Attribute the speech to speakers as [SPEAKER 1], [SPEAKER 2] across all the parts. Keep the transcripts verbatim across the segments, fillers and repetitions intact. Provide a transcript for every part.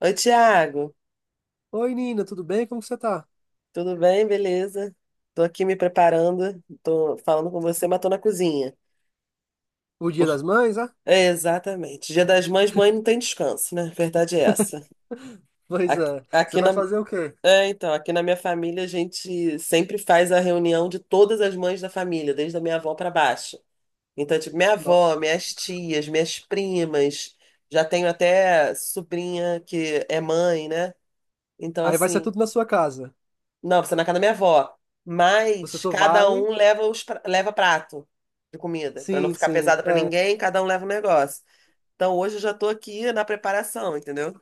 [SPEAKER 1] Oi, Tiago,
[SPEAKER 2] Oi, Nina, tudo bem? Como que você tá?
[SPEAKER 1] tudo bem? Beleza? Tô aqui me preparando, tô falando com você, mas tô na cozinha.
[SPEAKER 2] O Dia
[SPEAKER 1] Por-
[SPEAKER 2] das Mães, ah?
[SPEAKER 1] É, exatamente. Dia das Mães, mãe não tem descanso, né? Verdade é essa.
[SPEAKER 2] Pois
[SPEAKER 1] Aqui,
[SPEAKER 2] é. Você
[SPEAKER 1] aqui
[SPEAKER 2] vai
[SPEAKER 1] na,
[SPEAKER 2] fazer o quê?
[SPEAKER 1] é, então, Aqui na minha família a gente sempre faz a reunião de todas as mães da família, desde a minha avó pra baixo. Então, tipo, minha avó,
[SPEAKER 2] Nossa.
[SPEAKER 1] minhas tias, minhas primas, já tenho até sobrinha que é mãe, né? Então,
[SPEAKER 2] Aí vai ser
[SPEAKER 1] assim,
[SPEAKER 2] tudo na sua casa.
[SPEAKER 1] não, você ir na casa da minha avó.
[SPEAKER 2] Você
[SPEAKER 1] Mas
[SPEAKER 2] só
[SPEAKER 1] cada um
[SPEAKER 2] vai.
[SPEAKER 1] leva os pra- leva prato de comida, pra não
[SPEAKER 2] Sim,
[SPEAKER 1] ficar
[SPEAKER 2] sim.
[SPEAKER 1] pesada pra
[SPEAKER 2] É.
[SPEAKER 1] ninguém, cada um leva um negócio. Então hoje eu já tô aqui na preparação, entendeu?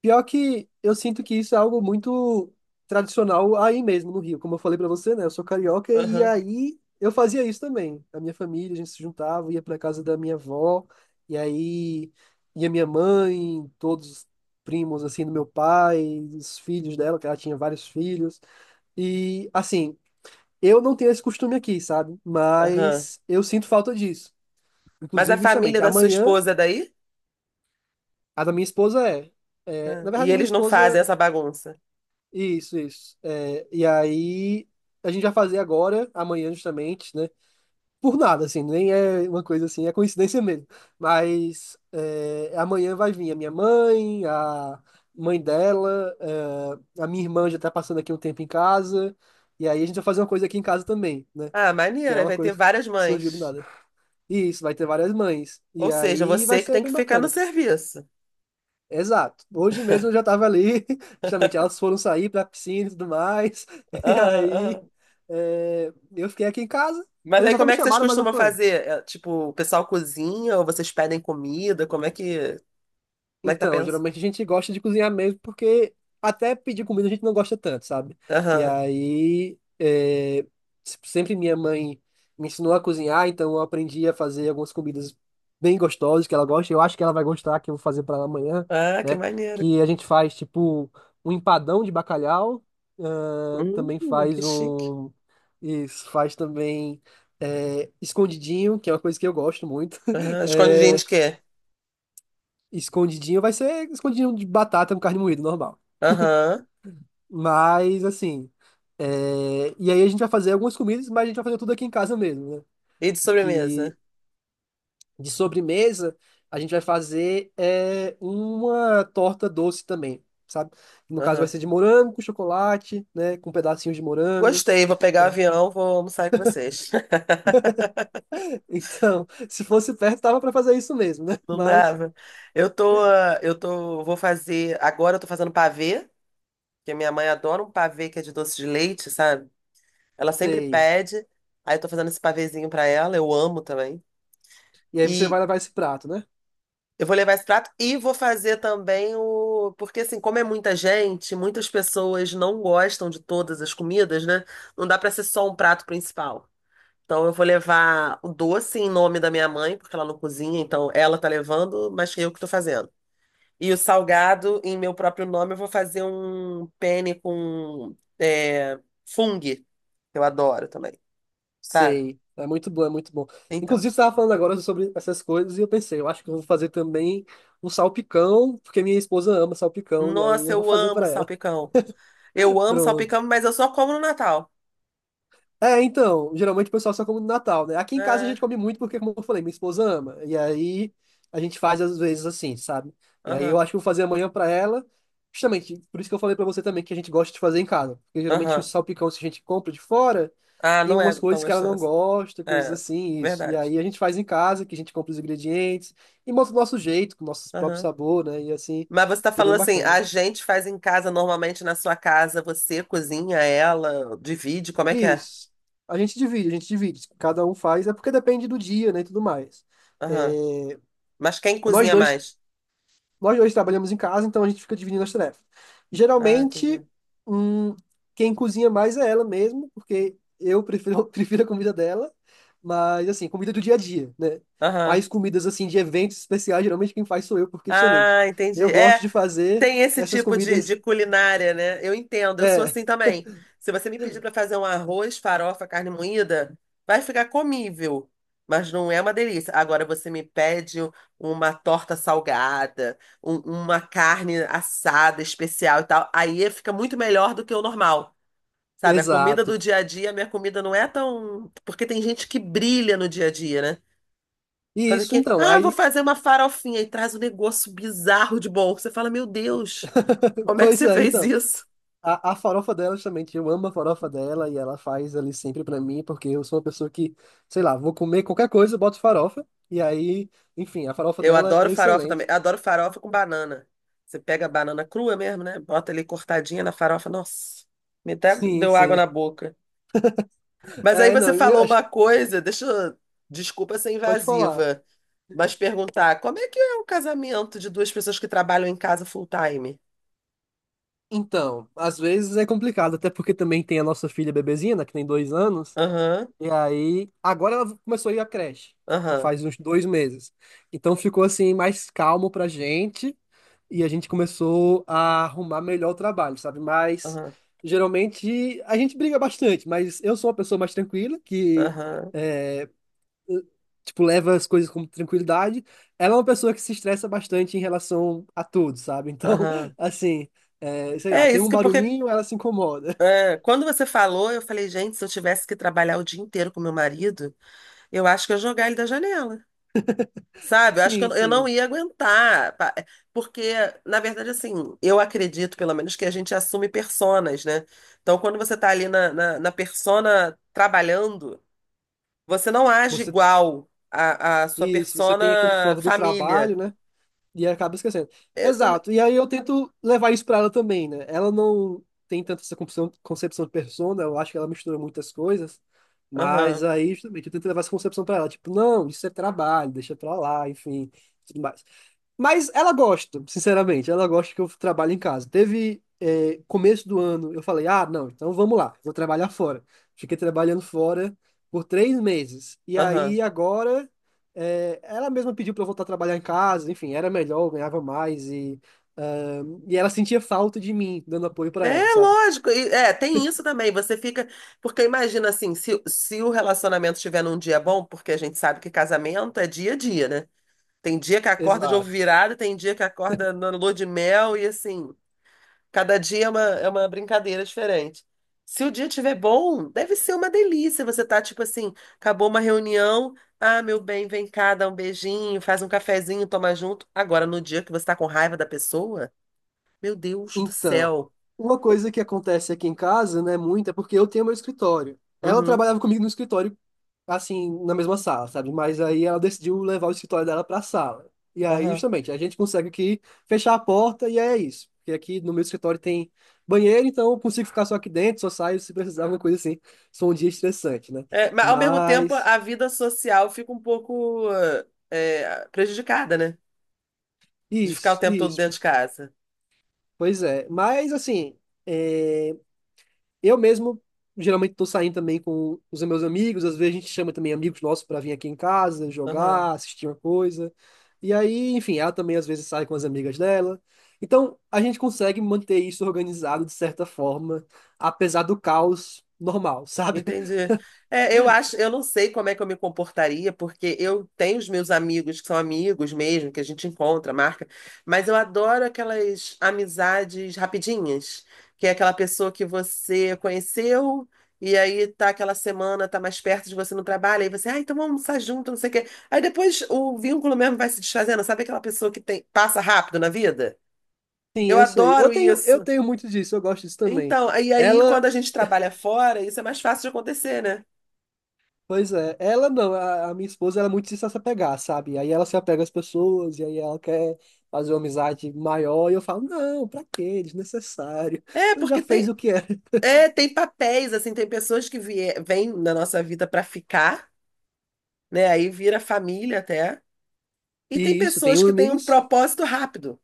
[SPEAKER 2] Pior que eu sinto que isso é algo muito tradicional aí mesmo no Rio. Como eu falei pra você, né? Eu sou carioca e
[SPEAKER 1] Aham,
[SPEAKER 2] aí eu fazia isso também. A minha família, a gente se juntava, ia pra casa da minha avó, e aí ia minha mãe, todos os primos assim do meu pai, os filhos dela, que ela tinha vários filhos. E assim, eu não tenho esse costume aqui, sabe?
[SPEAKER 1] aham.
[SPEAKER 2] Mas eu sinto falta disso.
[SPEAKER 1] Mas a
[SPEAKER 2] Inclusive,
[SPEAKER 1] família
[SPEAKER 2] justamente,
[SPEAKER 1] da sua
[SPEAKER 2] amanhã,
[SPEAKER 1] esposa é daí?
[SPEAKER 2] a da minha esposa é. É,
[SPEAKER 1] Ah,
[SPEAKER 2] na
[SPEAKER 1] e
[SPEAKER 2] verdade, a minha
[SPEAKER 1] eles não fazem
[SPEAKER 2] esposa.
[SPEAKER 1] essa bagunça.
[SPEAKER 2] Isso, isso. É, e aí, a gente vai fazer agora, amanhã, justamente, né? Por nada, assim, nem é uma coisa assim, é coincidência mesmo. Mas é, amanhã vai vir a minha mãe, a mãe dela, é, a minha irmã já tá passando aqui um tempo em casa. E aí, a gente vai fazer uma coisa aqui em casa também, né?
[SPEAKER 1] Ah,
[SPEAKER 2] Que
[SPEAKER 1] maneiro,
[SPEAKER 2] é
[SPEAKER 1] aí
[SPEAKER 2] uma
[SPEAKER 1] vai ter
[SPEAKER 2] coisa
[SPEAKER 1] várias
[SPEAKER 2] que surgiu do
[SPEAKER 1] mães.
[SPEAKER 2] nada. E isso, vai ter várias mães.
[SPEAKER 1] Ou
[SPEAKER 2] E
[SPEAKER 1] seja,
[SPEAKER 2] aí vai
[SPEAKER 1] você que
[SPEAKER 2] ser
[SPEAKER 1] tem que
[SPEAKER 2] bem
[SPEAKER 1] ficar no
[SPEAKER 2] bacana.
[SPEAKER 1] serviço.
[SPEAKER 2] Exato. Hoje mesmo eu já tava ali, justamente elas foram sair pra piscina e tudo mais. E
[SPEAKER 1] Aham,
[SPEAKER 2] aí
[SPEAKER 1] aham.
[SPEAKER 2] é, eu fiquei aqui em casa.
[SPEAKER 1] Mas
[SPEAKER 2] Elas
[SPEAKER 1] aí
[SPEAKER 2] até
[SPEAKER 1] como
[SPEAKER 2] me
[SPEAKER 1] é que vocês
[SPEAKER 2] chamaram, mas eu
[SPEAKER 1] costumam
[SPEAKER 2] falei,
[SPEAKER 1] fazer? É, tipo, o pessoal cozinha ou vocês pedem comida? Como é que, como é que tá
[SPEAKER 2] então,
[SPEAKER 1] pensando?
[SPEAKER 2] geralmente a gente gosta de cozinhar mesmo, porque até pedir comida a gente não gosta tanto, sabe? E aí, é, se- sempre minha mãe me ensinou a cozinhar, então eu aprendi a fazer algumas comidas bem gostosas que ela gosta. Eu acho que ela vai gostar, que eu vou fazer para ela amanhã,
[SPEAKER 1] Ah, que
[SPEAKER 2] né?
[SPEAKER 1] maneiro.
[SPEAKER 2] Que a gente faz, tipo, um empadão de bacalhau, ah, também
[SPEAKER 1] Hum, que
[SPEAKER 2] faz
[SPEAKER 1] chique.
[SPEAKER 2] um. Isso, faz também. É, escondidinho, que é uma coisa que eu gosto muito.
[SPEAKER 1] Aham. Escondidinho
[SPEAKER 2] É,
[SPEAKER 1] de quê?
[SPEAKER 2] escondidinho vai ser escondidinho de batata com carne moída, normal.
[SPEAKER 1] Aham.
[SPEAKER 2] Mas, assim. é, E aí a gente vai fazer algumas comidas, mas a gente vai fazer tudo aqui em casa mesmo, né?
[SPEAKER 1] E de sobremesa?
[SPEAKER 2] Que de sobremesa, a gente vai fazer é, uma torta doce também, sabe? No caso, vai
[SPEAKER 1] Aham.
[SPEAKER 2] ser de morango com chocolate, né? Com pedacinhos de morango.
[SPEAKER 1] Gostei, vou pegar o avião, vou almoçar com vocês.
[SPEAKER 2] Então, se fosse perto, tava pra fazer isso mesmo, né?
[SPEAKER 1] Não
[SPEAKER 2] Mas,
[SPEAKER 1] dava. Eu tô, ah, eu tô, vou fazer, agora eu tô fazendo pavê, porque minha mãe adora um pavê que é de doce de leite, sabe? Ela sempre
[SPEAKER 2] sei.
[SPEAKER 1] pede, aí eu tô fazendo esse pavêzinho pra ela, eu amo também.
[SPEAKER 2] E aí você
[SPEAKER 1] E,
[SPEAKER 2] vai levar esse prato, né?
[SPEAKER 1] Eu vou levar esse prato e vou fazer também o. Porque, assim, como é muita gente, muitas pessoas não gostam de todas as comidas, né? Não dá pra ser só um prato principal. Então, eu vou levar o doce em nome da minha mãe, porque ela não cozinha, então ela tá levando, mas eu que tô fazendo. E o salgado, em meu próprio nome, eu vou fazer um penne com é, fung, que eu adoro também, sabe?
[SPEAKER 2] Sei, é muito bom, é muito bom.
[SPEAKER 1] Então.
[SPEAKER 2] Inclusive, você estava falando agora sobre essas coisas e eu pensei, eu acho que eu vou fazer também um salpicão, porque minha esposa ama salpicão, e aí
[SPEAKER 1] Nossa,
[SPEAKER 2] eu vou
[SPEAKER 1] eu
[SPEAKER 2] fazer
[SPEAKER 1] amo
[SPEAKER 2] para ela.
[SPEAKER 1] salpicão. Eu amo
[SPEAKER 2] Pronto.
[SPEAKER 1] salpicão, mas eu só como no Natal.
[SPEAKER 2] É, então, geralmente o pessoal só come no Natal, né? Aqui em casa a
[SPEAKER 1] É.
[SPEAKER 2] gente come muito porque, como eu falei, minha esposa ama. E aí a gente faz às vezes assim, sabe? E aí eu
[SPEAKER 1] Aham,
[SPEAKER 2] acho que eu vou fazer amanhã para ela. Justamente, por isso que eu falei para você também que a gente gosta de fazer em casa. Porque geralmente o
[SPEAKER 1] aham.
[SPEAKER 2] salpicão, se a gente compra de fora,
[SPEAKER 1] Ah,
[SPEAKER 2] tem
[SPEAKER 1] não é
[SPEAKER 2] algumas
[SPEAKER 1] tão
[SPEAKER 2] coisas que ela não
[SPEAKER 1] gostoso.
[SPEAKER 2] gosta, coisas
[SPEAKER 1] É,
[SPEAKER 2] assim, isso. E
[SPEAKER 1] verdade.
[SPEAKER 2] aí a gente faz em casa, que a gente compra os ingredientes e monta do nosso jeito, com o nosso próprio
[SPEAKER 1] Aham.
[SPEAKER 2] sabor, né? E assim,
[SPEAKER 1] Mas você tá
[SPEAKER 2] fica bem
[SPEAKER 1] falando assim,
[SPEAKER 2] bacana.
[SPEAKER 1] a gente faz em casa, normalmente na sua casa, você cozinha, ela divide, como é que é?
[SPEAKER 2] Isso. A gente divide, a gente divide. Cada um faz, é porque depende do dia, né, e tudo mais.
[SPEAKER 1] Aham. Mas quem
[SPEAKER 2] Nós
[SPEAKER 1] cozinha
[SPEAKER 2] dois
[SPEAKER 1] mais?
[SPEAKER 2] Nós dois trabalhamos em casa, então a gente fica dividindo as tarefas.
[SPEAKER 1] Ah,
[SPEAKER 2] Geralmente,
[SPEAKER 1] entendi.
[SPEAKER 2] hum, quem cozinha mais é ela mesmo, porque eu prefiro, prefiro a comida dela, mas assim, comida do dia a dia, né?
[SPEAKER 1] Aham.
[SPEAKER 2] Mais comidas assim de eventos especiais, geralmente quem faz sou eu, porque justamente
[SPEAKER 1] Ah,
[SPEAKER 2] eu
[SPEAKER 1] entendi.
[SPEAKER 2] gosto
[SPEAKER 1] É,
[SPEAKER 2] de fazer
[SPEAKER 1] tem esse
[SPEAKER 2] essas
[SPEAKER 1] tipo de, de
[SPEAKER 2] comidas.
[SPEAKER 1] culinária, né? Eu entendo, eu sou
[SPEAKER 2] É,
[SPEAKER 1] assim também. Se você me pedir para fazer um arroz, farofa, carne moída, vai ficar comível, mas não é uma delícia. Agora você me pede uma torta salgada, um- uma carne assada especial e tal, aí fica muito melhor do que o normal. Sabe, a comida
[SPEAKER 2] exato.
[SPEAKER 1] do dia a dia, a minha comida não é tão. Porque tem gente que brilha no dia a dia, né?
[SPEAKER 2] E
[SPEAKER 1] Faz
[SPEAKER 2] isso
[SPEAKER 1] aqui,
[SPEAKER 2] então,
[SPEAKER 1] ah, vou
[SPEAKER 2] aí.
[SPEAKER 1] fazer uma farofinha e traz um negócio bizarro de bom. Você fala, meu Deus. Como é que
[SPEAKER 2] Pois
[SPEAKER 1] você
[SPEAKER 2] é,
[SPEAKER 1] fez
[SPEAKER 2] então.
[SPEAKER 1] isso?
[SPEAKER 2] A, a farofa dela, justamente, eu amo a farofa dela e ela faz ali sempre pra mim, porque eu sou uma pessoa que, sei lá, vou comer qualquer coisa, eu boto farofa, e aí, enfim, a farofa
[SPEAKER 1] Eu
[SPEAKER 2] dela
[SPEAKER 1] adoro
[SPEAKER 2] é
[SPEAKER 1] farofa também.
[SPEAKER 2] excelente.
[SPEAKER 1] Eu adoro farofa com banana. Você pega a banana crua mesmo, né? Bota ali cortadinha na farofa. Nossa, me até
[SPEAKER 2] Sim,
[SPEAKER 1] deu água
[SPEAKER 2] sim.
[SPEAKER 1] na boca. Mas aí
[SPEAKER 2] É,
[SPEAKER 1] você
[SPEAKER 2] não, eu
[SPEAKER 1] falou
[SPEAKER 2] acho-
[SPEAKER 1] uma coisa, deixa eu... Desculpa ser
[SPEAKER 2] pode falar.
[SPEAKER 1] invasiva, mas perguntar, como é que é um casamento de duas pessoas que trabalham em casa full time?
[SPEAKER 2] Então, às vezes é complicado, até porque também tem a nossa filha bebezinha, né, que tem dois anos,
[SPEAKER 1] Aham,
[SPEAKER 2] e aí, agora ela começou a ir à creche,
[SPEAKER 1] aham,
[SPEAKER 2] faz uns dois meses. Então ficou assim, mais calmo pra gente. E a gente começou a arrumar melhor o trabalho, sabe? Mas
[SPEAKER 1] aham,
[SPEAKER 2] geralmente a gente briga bastante, mas eu sou uma pessoa mais tranquila, que
[SPEAKER 1] aham,
[SPEAKER 2] é, tipo, leva as coisas com tranquilidade. Ela é uma pessoa que se estressa bastante em relação a tudo, sabe? Então,
[SPEAKER 1] aham.
[SPEAKER 2] assim, é, sei lá,
[SPEAKER 1] É
[SPEAKER 2] tem
[SPEAKER 1] isso
[SPEAKER 2] um
[SPEAKER 1] que porque
[SPEAKER 2] barulhinho, ela se incomoda.
[SPEAKER 1] é, quando você falou, eu falei, gente, se eu tivesse que trabalhar o dia inteiro com meu marido, eu acho que eu jogar ele da janela, sabe? Eu acho que eu,
[SPEAKER 2] Sim,
[SPEAKER 1] eu não
[SPEAKER 2] sim.
[SPEAKER 1] ia aguentar, pa- é, porque, na verdade, assim, eu acredito, pelo menos, que a gente assume personas, né? Então, quando você tá ali na, na, na persona trabalhando, você não age
[SPEAKER 2] Você,
[SPEAKER 1] igual a, a sua
[SPEAKER 2] isso, você tem aquele
[SPEAKER 1] persona
[SPEAKER 2] foco do
[SPEAKER 1] família.
[SPEAKER 2] trabalho, né? E acaba esquecendo.
[SPEAKER 1] Esse também.
[SPEAKER 2] Exato. E aí eu tento levar isso pra ela também, né? Ela não tem tanto essa concepção, concepção de persona, eu acho que ela mistura muitas coisas, mas
[SPEAKER 1] Aham,
[SPEAKER 2] aí justamente eu tento levar essa concepção pra ela, tipo, não, isso é trabalho, deixa pra lá, enfim, tudo mais. Mas ela gosta, sinceramente, ela gosta que eu trabalho em casa. Teve, é, começo do ano, eu falei, ah, não, então vamos lá, vou trabalhar fora. Fiquei trabalhando fora por três meses. E
[SPEAKER 1] aham.
[SPEAKER 2] aí agora, é, ela mesma pediu para eu voltar a trabalhar em casa, enfim, era melhor, eu ganhava mais e, ah, e ela sentia falta de mim, dando apoio para
[SPEAKER 1] É
[SPEAKER 2] ela, sabe?
[SPEAKER 1] lógico, e- é, tem isso também. Você fica. Porque imagina assim, se, se o relacionamento estiver num dia bom, porque a gente sabe que casamento é dia a dia, né? Tem dia que acorda de ovo
[SPEAKER 2] Exato.
[SPEAKER 1] virado, tem dia que acorda na lua de mel, e assim, cada dia é uma, é uma brincadeira diferente. Se o dia estiver bom, deve ser uma delícia. Você tá tipo assim, acabou uma reunião, ah, meu bem, vem cá, dá um beijinho, faz um cafezinho, toma junto. Agora, no dia que você tá com raiva da pessoa, meu Deus do
[SPEAKER 2] Então,
[SPEAKER 1] céu.
[SPEAKER 2] uma coisa que acontece aqui em casa, né, muito, é porque eu tenho meu escritório. Ela
[SPEAKER 1] Uhum,
[SPEAKER 2] trabalhava comigo no escritório assim, na mesma sala, sabe? Mas aí ela decidiu levar o escritório dela para a sala. E aí,
[SPEAKER 1] aham.
[SPEAKER 2] justamente, a gente consegue aqui fechar a porta e é isso. Porque aqui no meu escritório tem banheiro, então eu consigo ficar só aqui dentro, só saio se precisar, alguma coisa assim. Só um dia estressante, né?
[SPEAKER 1] É, mas ao mesmo tempo,
[SPEAKER 2] Mas,
[SPEAKER 1] a vida social fica um pouco eh, eh, prejudicada, né? De ficar o
[SPEAKER 2] isso,
[SPEAKER 1] tempo todo
[SPEAKER 2] isso,
[SPEAKER 1] dentro de casa.
[SPEAKER 2] pois é. Mas, assim, é, eu mesmo geralmente estou saindo também com os meus amigos, às vezes a gente chama também amigos nossos para vir aqui em casa,
[SPEAKER 1] Aham.
[SPEAKER 2] jogar, assistir uma coisa. E aí, enfim, ela também às vezes sai com as amigas dela. Então, a gente consegue manter isso organizado de certa forma, apesar do caos normal, sabe?
[SPEAKER 1] Entendi. É, eu acho, eu não sei como é que eu me comportaria, porque eu tenho os meus amigos que são amigos mesmo, que a gente encontra, marca, mas eu adoro aquelas amizades rapidinhas, que é aquela pessoa que você conheceu e aí tá aquela semana, tá mais perto de você no trabalho, aí você, ah, então vamos almoçar junto, não sei o quê. Aí depois o vínculo mesmo vai se desfazendo, sabe aquela pessoa que tem, passa rápido na vida?
[SPEAKER 2] Sim,
[SPEAKER 1] Eu
[SPEAKER 2] eu sei. Eu
[SPEAKER 1] adoro
[SPEAKER 2] tenho, eu
[SPEAKER 1] isso.
[SPEAKER 2] tenho muito disso, eu gosto disso também.
[SPEAKER 1] Então, e aí quando
[SPEAKER 2] Ela
[SPEAKER 1] a gente trabalha fora, isso é mais fácil de acontecer, né?
[SPEAKER 2] Pois é, ela não, a, a minha esposa ela é muito de se apegar, sabe? Aí ela se apega às pessoas, e aí ela quer fazer uma amizade maior, e eu falo, não, pra quê? Desnecessário.
[SPEAKER 1] É,
[SPEAKER 2] Já
[SPEAKER 1] porque
[SPEAKER 2] fez
[SPEAKER 1] tem,
[SPEAKER 2] o que era.
[SPEAKER 1] é, tem papéis, assim, tem pessoas que vie- vêm na nossa vida para ficar, né? Aí vira família até. E tem
[SPEAKER 2] E isso,
[SPEAKER 1] pessoas
[SPEAKER 2] tenho
[SPEAKER 1] que têm um
[SPEAKER 2] amigos.
[SPEAKER 1] propósito rápido.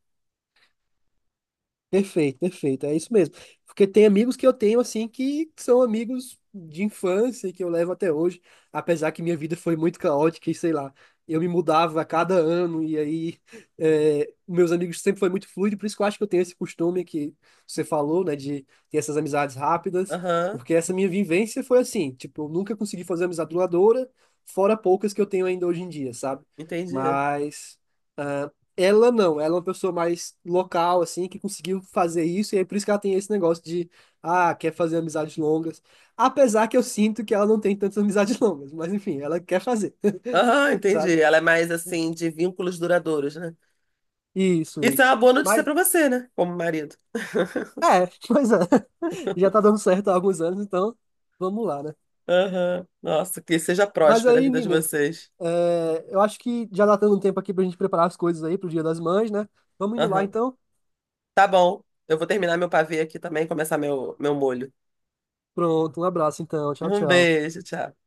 [SPEAKER 2] Perfeito, perfeito. É isso mesmo. Porque tem amigos que eu tenho, assim, que são amigos de infância, que eu levo até hoje, apesar que minha vida foi muito caótica e sei lá. Eu me mudava a cada ano e aí é, meus amigos sempre foi muito fluido, por isso que eu acho que eu tenho esse costume que você falou, né, de ter essas amizades rápidas,
[SPEAKER 1] Aham,
[SPEAKER 2] porque essa minha vivência foi assim, tipo, eu nunca consegui fazer amizade duradoura, fora poucas que eu tenho ainda hoje em dia, sabe?
[SPEAKER 1] entendi.
[SPEAKER 2] Mas ela não, ela é uma pessoa mais local, assim, que conseguiu fazer isso, e é por isso que ela tem esse negócio de, ah, quer fazer amizades longas. Apesar que eu sinto que ela não tem tantas amizades longas, mas enfim, ela quer fazer,
[SPEAKER 1] Aham,
[SPEAKER 2] sabe?
[SPEAKER 1] entendi. Ela é mais, assim, de vínculos duradouros, né?
[SPEAKER 2] Isso,
[SPEAKER 1] Isso é
[SPEAKER 2] isso.
[SPEAKER 1] uma boa notícia
[SPEAKER 2] Mas,
[SPEAKER 1] para você, né? Como marido.
[SPEAKER 2] é, pois é. Já tá dando certo há alguns anos, então vamos lá, né?
[SPEAKER 1] Aham, nossa, que seja
[SPEAKER 2] Mas
[SPEAKER 1] próspera a
[SPEAKER 2] aí,
[SPEAKER 1] vida de
[SPEAKER 2] Nina,
[SPEAKER 1] vocês.
[SPEAKER 2] é, eu acho que já tá dando um tempo aqui pra gente preparar as coisas aí pro Dia das Mães, né? Vamos indo lá,
[SPEAKER 1] Aham,
[SPEAKER 2] então.
[SPEAKER 1] tá bom. Eu vou terminar meu pavê aqui também e começar meu, meu molho.
[SPEAKER 2] Pronto, um abraço, então. Tchau,
[SPEAKER 1] Um
[SPEAKER 2] tchau.
[SPEAKER 1] beijo, tchau.